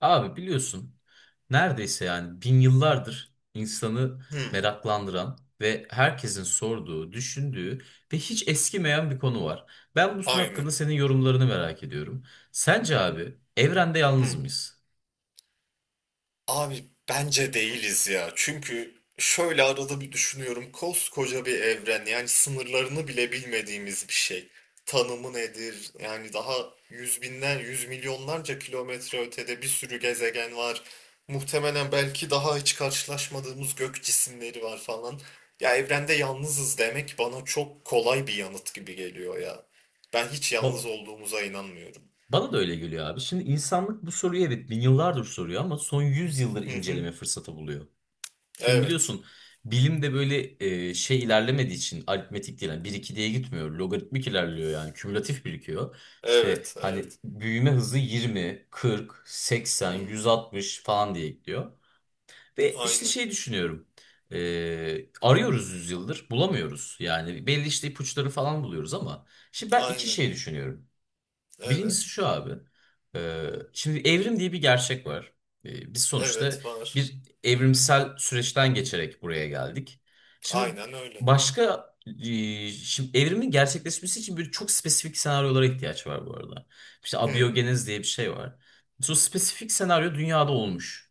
Abi biliyorsun neredeyse yani bin yıllardır insanı Hmm, meraklandıran ve herkesin sorduğu, düşündüğü ve hiç eskimeyen bir konu var. Ben bunun aynı. hakkında senin yorumlarını merak ediyorum. Sence abi evrende yalnız Hmm. mıyız? Abi bence değiliz ya. Çünkü şöyle arada bir düşünüyorum. Koskoca bir evren, yani sınırlarını bile bilmediğimiz bir şey. Tanımı nedir? Yani daha yüz binden yüz milyonlarca kilometre ötede bir sürü gezegen var. Muhtemelen belki daha hiç karşılaşmadığımız gök cisimleri var falan. Ya evrende yalnızız demek bana çok kolay bir yanıt gibi geliyor ya. Ben hiç yalnız Ba- olduğumuza inanmıyorum. Bana da öyle geliyor abi. Şimdi insanlık bu soruyu evet bin yıllardır soruyor ama son 100 yıldır Hı hı. inceleme fırsatı buluyor. Şimdi Evet. biliyorsun bilim de böyle şey ilerlemediği için aritmetik değil. Yani 1-2 diye gitmiyor. Logaritmik ilerliyor yani. Kümülatif birikiyor. İşte Evet, hani evet. büyüme hızı 20, 40, 80, Hmm, 160 falan diye gidiyor. Ve işte aynen, şey düşünüyorum. Arıyoruz yüzyıldır bulamıyoruz. Yani belli işte ipuçları falan buluyoruz ama. Şimdi ben iki aynen. şey düşünüyorum. Birincisi Evet, şu abi. Şimdi evrim diye bir gerçek var. Biz sonuçta evet var. bir evrimsel süreçten geçerek buraya geldik. Şimdi Aynen öyle. başka şimdi evrimin gerçekleşmesi için böyle çok spesifik senaryolara ihtiyaç var bu arada. İşte Hmm, abiyogenez diye bir şey var. Sonra spesifik senaryo dünyada olmuş.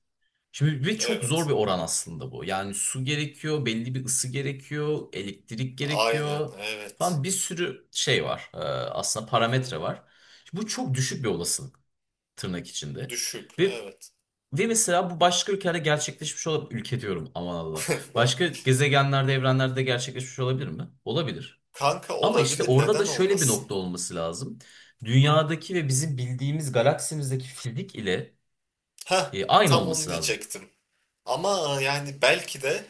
Şimdi ve çok zor evet, bir oran aslında bu. Yani su gerekiyor, belli bir ısı gerekiyor, elektrik aynen, gerekiyor evet. falan bir sürü şey var. Aslında Hı hı, parametre var. Bu çok düşük bir olasılık tırnak içinde. düşük, Ve evet. ve mesela bu başka ülkelerde gerçekleşmiş olabilir. Ülke diyorum, aman Allah! Başka gezegenlerde, evrenlerde gerçekleşmiş olabilir mi? Olabilir. Kanka Ama işte olabilir, orada da neden şöyle bir olmasın? nokta olması lazım. Hı hı. Dünyadaki ve bizim bildiğimiz galaksimizdeki fizik ile Heh, aynı tam olması onu lazım. diyecektim. Ama yani belki de,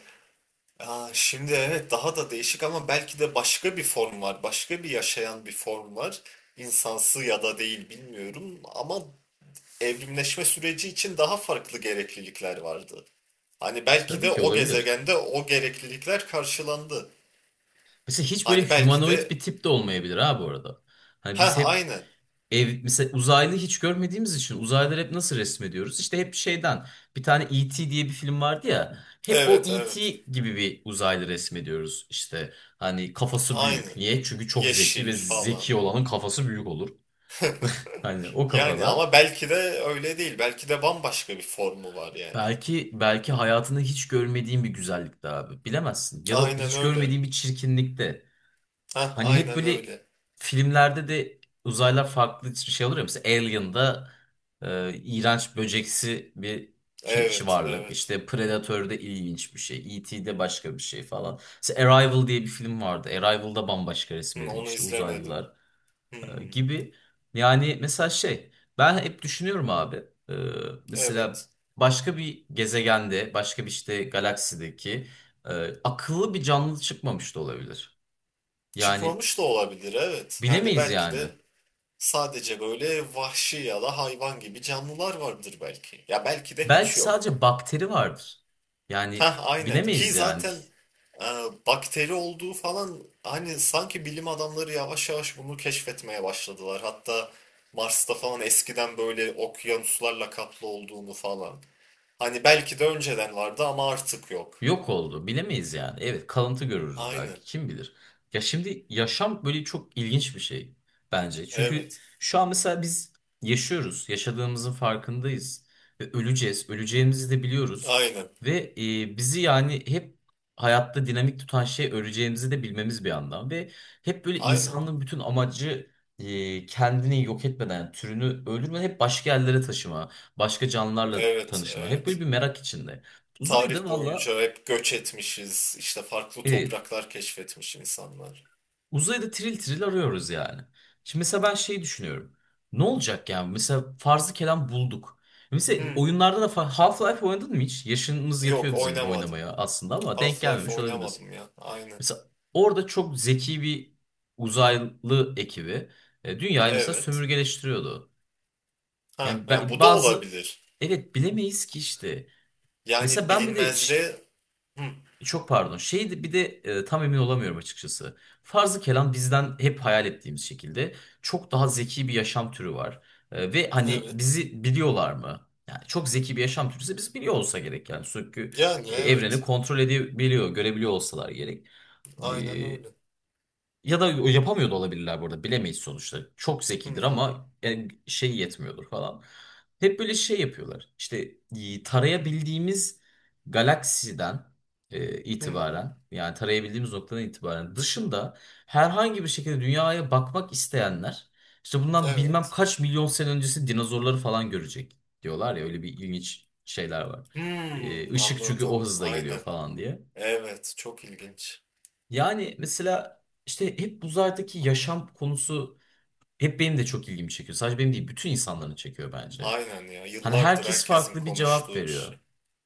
aa, şimdi evet daha da değişik, ama belki de başka bir form var, başka bir yaşayan bir form var. İnsansı ya da değil bilmiyorum ama evrimleşme süreci için daha farklı gereklilikler vardı. Hani belki Tabii de ki o olabilir. gezegende o gereklilikler karşılandı. Mesela hiç böyle Hani belki humanoid bir de tip de olmayabilir ha bu arada. Hani ha biz hep aynı. Mesela uzaylı hiç görmediğimiz için uzaylıları hep nasıl resmediyoruz? İşte hep şeyden bir tane E.T. diye bir film vardı ya. Hep o Evet E.T. evet. gibi bir uzaylı resmediyoruz. İşte hani kafası büyük. Aynen. Niye? Çünkü çok zeki ve Yeşil zeki falan. olanın kafası büyük olur. Hani o Yani kafada. ama belki de öyle değil. Belki de bambaşka bir formu var yani. Belki hayatında hiç görmediğin bir güzellikte abi. Bilemezsin. Ya da Aynen hiç öyle. görmediğin bir çirkinlikte. Ha Hani hep aynen böyle öyle. filmlerde de uzaylılar farklı şey olur ya. Mesela Alien'da iğrenç böceksi bir keçi Evet, varlık. evet. İşte Predator'da ilginç bir şey. E.T'de başka bir şey falan. Mesela Arrival diye bir film vardı. Arrival'da bambaşka Hı, onu resmedilmişti izlemedim. uzaylılar Hmm, gibi. Yani mesela şey ben hep düşünüyorum abi. E, evet. Mesela başka bir gezegende başka bir işte galaksideki e, akıllı bir canlı çıkmamış da olabilir. Yani Çıkmamış da olabilir, evet. Yani bilemeyiz belki yani. de sadece böyle vahşi ya da hayvan gibi canlılar vardır belki. Ya belki de hiç Belki yok. sadece bakteri vardır. Yani Ha aynen ki bilemeyiz yani. zaten e, bakteri olduğu falan, hani sanki bilim adamları yavaş yavaş bunu keşfetmeye başladılar. Hatta Mars'ta falan eskiden böyle okyanuslarla kaplı olduğunu falan. Hani belki de önceden vardı ama artık yok. Yok oldu. Bilemeyiz yani. Evet, kalıntı görürüz belki. Aynen. Kim bilir? Ya şimdi yaşam böyle çok ilginç bir şey bence. Çünkü Evet. şu an mesela biz yaşıyoruz. Yaşadığımızın farkındayız. Ve öleceğiz. Öleceğimizi de biliyoruz. Aynen. Ve bizi yani hep hayatta dinamik tutan şey öleceğimizi de bilmemiz bir yandan. Ve hep böyle Aynen. insanlığın bütün amacı kendini yok etmeden, yani türünü öldürmeden hep başka yerlere taşıma, başka canlılarla Evet. tanışma. Hep böyle Evet, bir merak içinde. Uzayda tarih valla. boyunca hep göç etmişiz. İşte farklı Evet. topraklar keşfetmiş insanlar. Uzayda tril tril arıyoruz yani. Şimdi mesela ben şey düşünüyorum. Ne olacak yani? Mesela farzı kelam bulduk. Mesela Hı. oyunlarda da Half-Life oynadın mı hiç? Yaşımız yetiyor Yok bizim oynamadım. oynamaya aslında ama denk Half-Life gelmemiş olabiliriz. oynamadım ya. Aynen. Mesela orada çok zeki bir uzaylı ekibi dünyayı mesela Evet. sömürgeleştiriyordu. Ha, Yani ya bu da bazı, olabilir. evet, bilemeyiz ki işte. Mesela Yani ben bir de bilinmezliğe... Hı. Çok pardon. Şeydi bir de tam emin olamıyorum açıkçası. Farzı kelam bizden hep hayal ettiğimiz şekilde çok daha zeki bir yaşam türü var. Ve hani Evet. bizi biliyorlar mı? Yani çok zeki bir yaşam türü ise biz biliyor olsa gerek yani. Çünkü Yani evreni evet. kontrol edebiliyor, görebiliyor olsalar gerek. Aynen öyle. E, Ya da yapamıyor da olabilirler, burada bilemeyiz sonuçta. Çok Hı zekidir hı. ama yani şey yetmiyordur falan. Hep böyle şey yapıyorlar. İşte tarayabildiğimiz galaksiden Hı. itibaren, yani tarayabildiğimiz noktadan itibaren dışında herhangi bir şekilde dünyaya bakmak isteyenler işte bundan bilmem Evet. kaç milyon sene öncesi dinozorları falan görecek diyorlar ya, öyle bir ilginç şeyler var. Hmm, Işık çünkü o anladım. hızla geliyor Aynen. falan diye. Evet, çok ilginç. Yani mesela işte hep uzaydaki yaşam konusu hep benim de çok ilgimi çekiyor. Sadece benim değil, bütün insanların çekiyor bence. Aynen ya. Hani Yıllardır herkes herkesin farklı bir cevap konuştuğu bir şey. veriyor.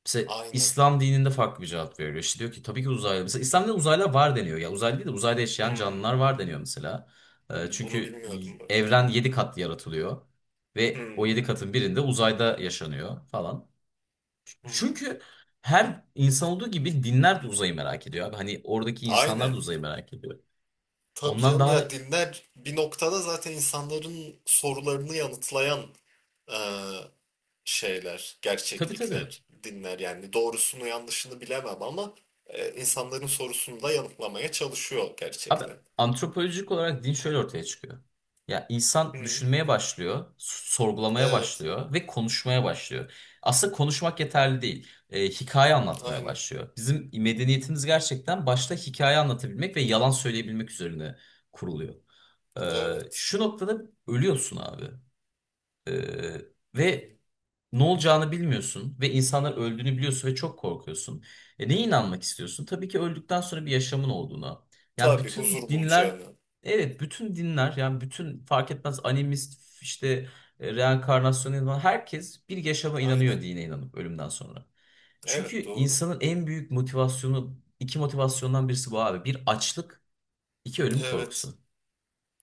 Mesela Aynen. İslam dininde farklı bir cevap veriyor. İşte diyor ki tabii ki uzaylı. Mesela İslam'da uzaylılar var deniyor. Ya uzaylı değil de uzayda yaşayan canlılar Hmm, var deniyor mesela. Hmm, bunu Çünkü bilmiyordum bak. evren 7 kat yaratılıyor. Ve o 7 Hmm. katın birinde uzayda yaşanıyor falan. Hmm, Çünkü her insan olduğu gibi dinler de uzayı merak ediyor abi. Hani oradaki insanlar da aynen. uzayı merak ediyor. Tabii Ondan canım, daha, ya dinler bir noktada zaten insanların sorularını yanıtlayan e, şeyler, tabii tabii. gerçeklikler dinler. Yani doğrusunu yanlışını bilemem ama insanların sorusunu da yanıtlamaya çalışıyor Abi gerçekten. antropolojik olarak din şöyle ortaya çıkıyor. Ya insan Hı. düşünmeye başlıyor, sorgulamaya Evet, başlıyor ve konuşmaya başlıyor. Aslında konuşmak yeterli değil. Hikaye anlatmaya aynen. başlıyor. Bizim medeniyetimiz gerçekten başta hikaye anlatabilmek ve yalan söyleyebilmek üzerine kuruluyor. Evet. Şu noktada ölüyorsun abi. Ee, Ve Yani, ne olacağını bilmiyorsun ve insanlar öldüğünü biliyorsun ve çok korkuyorsun. Neye inanmak istiyorsun? Tabii ki öldükten sonra bir yaşamın olduğuna. Yani tabii bütün huzur dinler, bulacağını. evet bütün dinler yani bütün fark etmez, animist işte reenkarnasyona inanan herkes bir yaşama inanıyor, Aynen. dine inanıp ölümden sonra. Çünkü Evet, doğru. insanın en büyük motivasyonu iki motivasyondan birisi bu abi. Bir, açlık; iki, ölüm Evet, korkusu.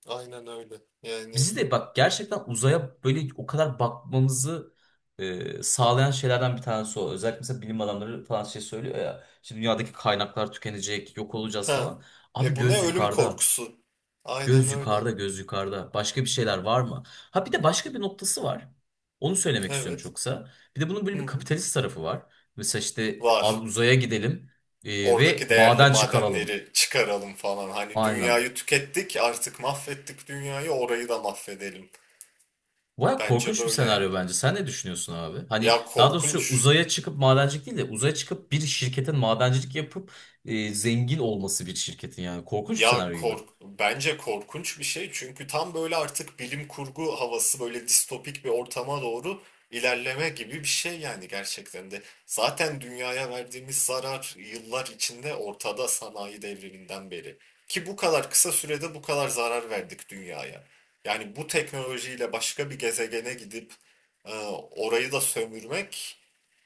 aynen öyle. Yani Bizi de bak gerçekten uzaya böyle o kadar bakmamızı sağlayan şeylerden bir tanesi o. Özellikle mesela bilim adamları falan şey söylüyor ya. Şimdi dünyadaki kaynaklar tükenecek, yok olacağız ha, falan. Abi e bu ne göz ölüm yukarıda. korkusu? Aynen Göz öyle. yukarıda, göz yukarıda. Başka bir şeyler var mı? Ha bir de başka bir noktası var. Onu söylemek istiyorum Evet. çok kısa. Bir de bunun Hı böyle bir hı. kapitalist tarafı var. Mesela işte abi Var. uzaya gidelim ve Oradaki değerli maden çıkaralım. madenleri çıkaralım falan. Hani Aynen. dünyayı tükettik, artık mahvettik dünyayı, orayı da mahvedelim. Baya Bence korkunç bir böyle senaryo yani. bence. Sen ne düşünüyorsun abi? Hani Ya daha doğrusu korkunç, uzaya çıkıp madencilik değil de uzaya çıkıp bir şirketin madencilik yapıp zengin olması bir şirketin yani. Korkunç bir ya senaryo gibi. kork bence korkunç bir şey, çünkü tam böyle artık bilim kurgu havası, böyle distopik bir ortama doğru ilerleme gibi bir şey yani gerçekten de. Zaten dünyaya verdiğimiz zarar yıllar içinde ortada, sanayi devriminden beri. Ki bu kadar kısa sürede bu kadar zarar verdik dünyaya. Yani bu teknolojiyle başka bir gezegene gidip e, orayı da sömürmek,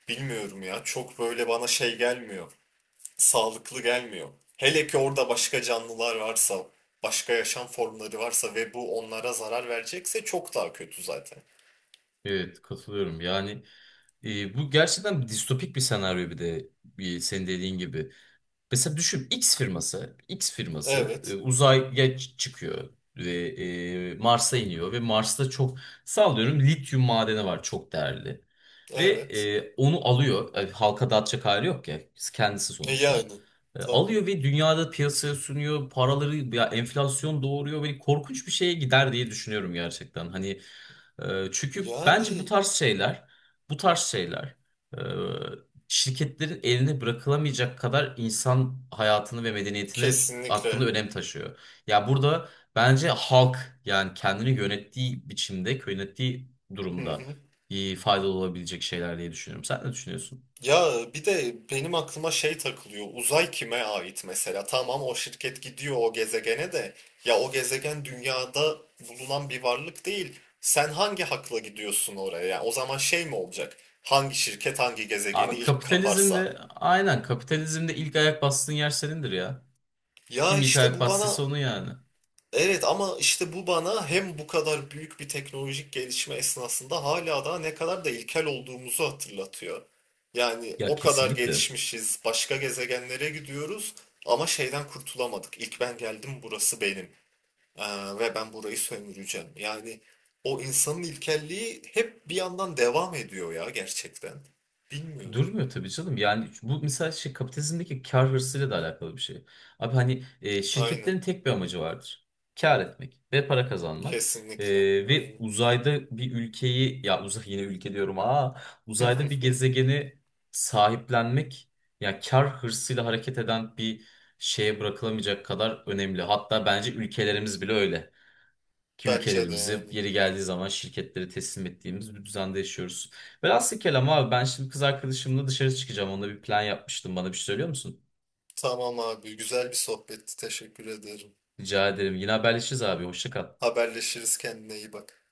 bilmiyorum ya, çok böyle bana şey gelmiyor, sağlıklı gelmiyor. Hele ki orada başka canlılar varsa, başka yaşam formları varsa ve bu onlara zarar verecekse çok daha kötü zaten. Evet, katılıyorum. Yani bu gerçekten distopik bir senaryo bir de bir, senin dediğin gibi. Mesela düşün, X firması Evet, uzaya çıkıyor ve Mars'a iniyor ve Mars'ta çok, sallıyorum, lityum madeni var, çok değerli. Ve evet. Onu alıyor. Halka dağıtacak hali yok ya kendisi E sonuçta. yani, tabii. Alıyor ve dünyada piyasaya sunuyor. Paraları ya enflasyon doğuruyor ve korkunç bir şeye gider diye düşünüyorum gerçekten. Hani çünkü bence bu Yani tarz şeyler, bu tarz şeyler e, şirketlerin eline bırakılamayacak kadar insan hayatını ve medeniyetini hakkında kesinlikle. önem taşıyor. Ya burada bence halk yani kendini yönettiği biçimde, yönettiği Hı durumda hı. Faydalı olabilecek şeyler diye düşünüyorum. Sen ne düşünüyorsun? Ya bir de benim aklıma şey takılıyor. Uzay kime ait mesela? Tamam, o şirket gidiyor o gezegene de. Ya o gezegen dünyada bulunan bir varlık değil. Sen hangi hakla gidiyorsun oraya? Yani o zaman şey mi olacak? Hangi şirket hangi gezegeni Abi ilk kaparsa? kapitalizmde, aynen, kapitalizmde ilk ayak bastığın yer senindir ya. Ya Kim ilk işte ayak bu bana bastıysa onun yani. evet, ama işte bu bana hem bu kadar büyük bir teknolojik gelişme esnasında hala daha ne kadar da ilkel olduğumuzu hatırlatıyor. Yani Ya o kadar kesinlikle. gelişmişiz, başka gezegenlere gidiyoruz ama şeyden kurtulamadık. İlk ben geldim, burası benim. Ve ben burayı sömüreceğim. Yani o insanın ilkelliği hep bir yandan devam ediyor ya gerçekten. Bilmiyorum. Durmuyor tabii canım. Yani bu mesela şey kapitalizmdeki kar hırsıyla da alakalı bir şey. Abi hani Aynen, şirketlerin tek bir amacı vardır. Kar etmek ve para kazanmak. E, kesinlikle. Ve Aynen. uzayda bir ülkeyi, ya uzay yine ülke diyorum, uzayda bir gezegeni sahiplenmek ya kar hırsıyla hareket eden bir şeye bırakılamayacak kadar önemli. Hatta bence ülkelerimiz bile öyle ki Bence de ülkelerimizi yani. yeri geldiği zaman şirketlere teslim ettiğimiz bir düzende yaşıyoruz. Velhasıl kelam abi, ben şimdi kız arkadaşımla dışarı çıkacağım. Onunla bir plan yapmıştım. Bana bir şey söylüyor musun? Tamam abi, güzel bir sohbetti. Teşekkür ederim. Rica ederim. Yine haberleşiriz abi. Hoşça kal. Haberleşiriz, kendine iyi bak.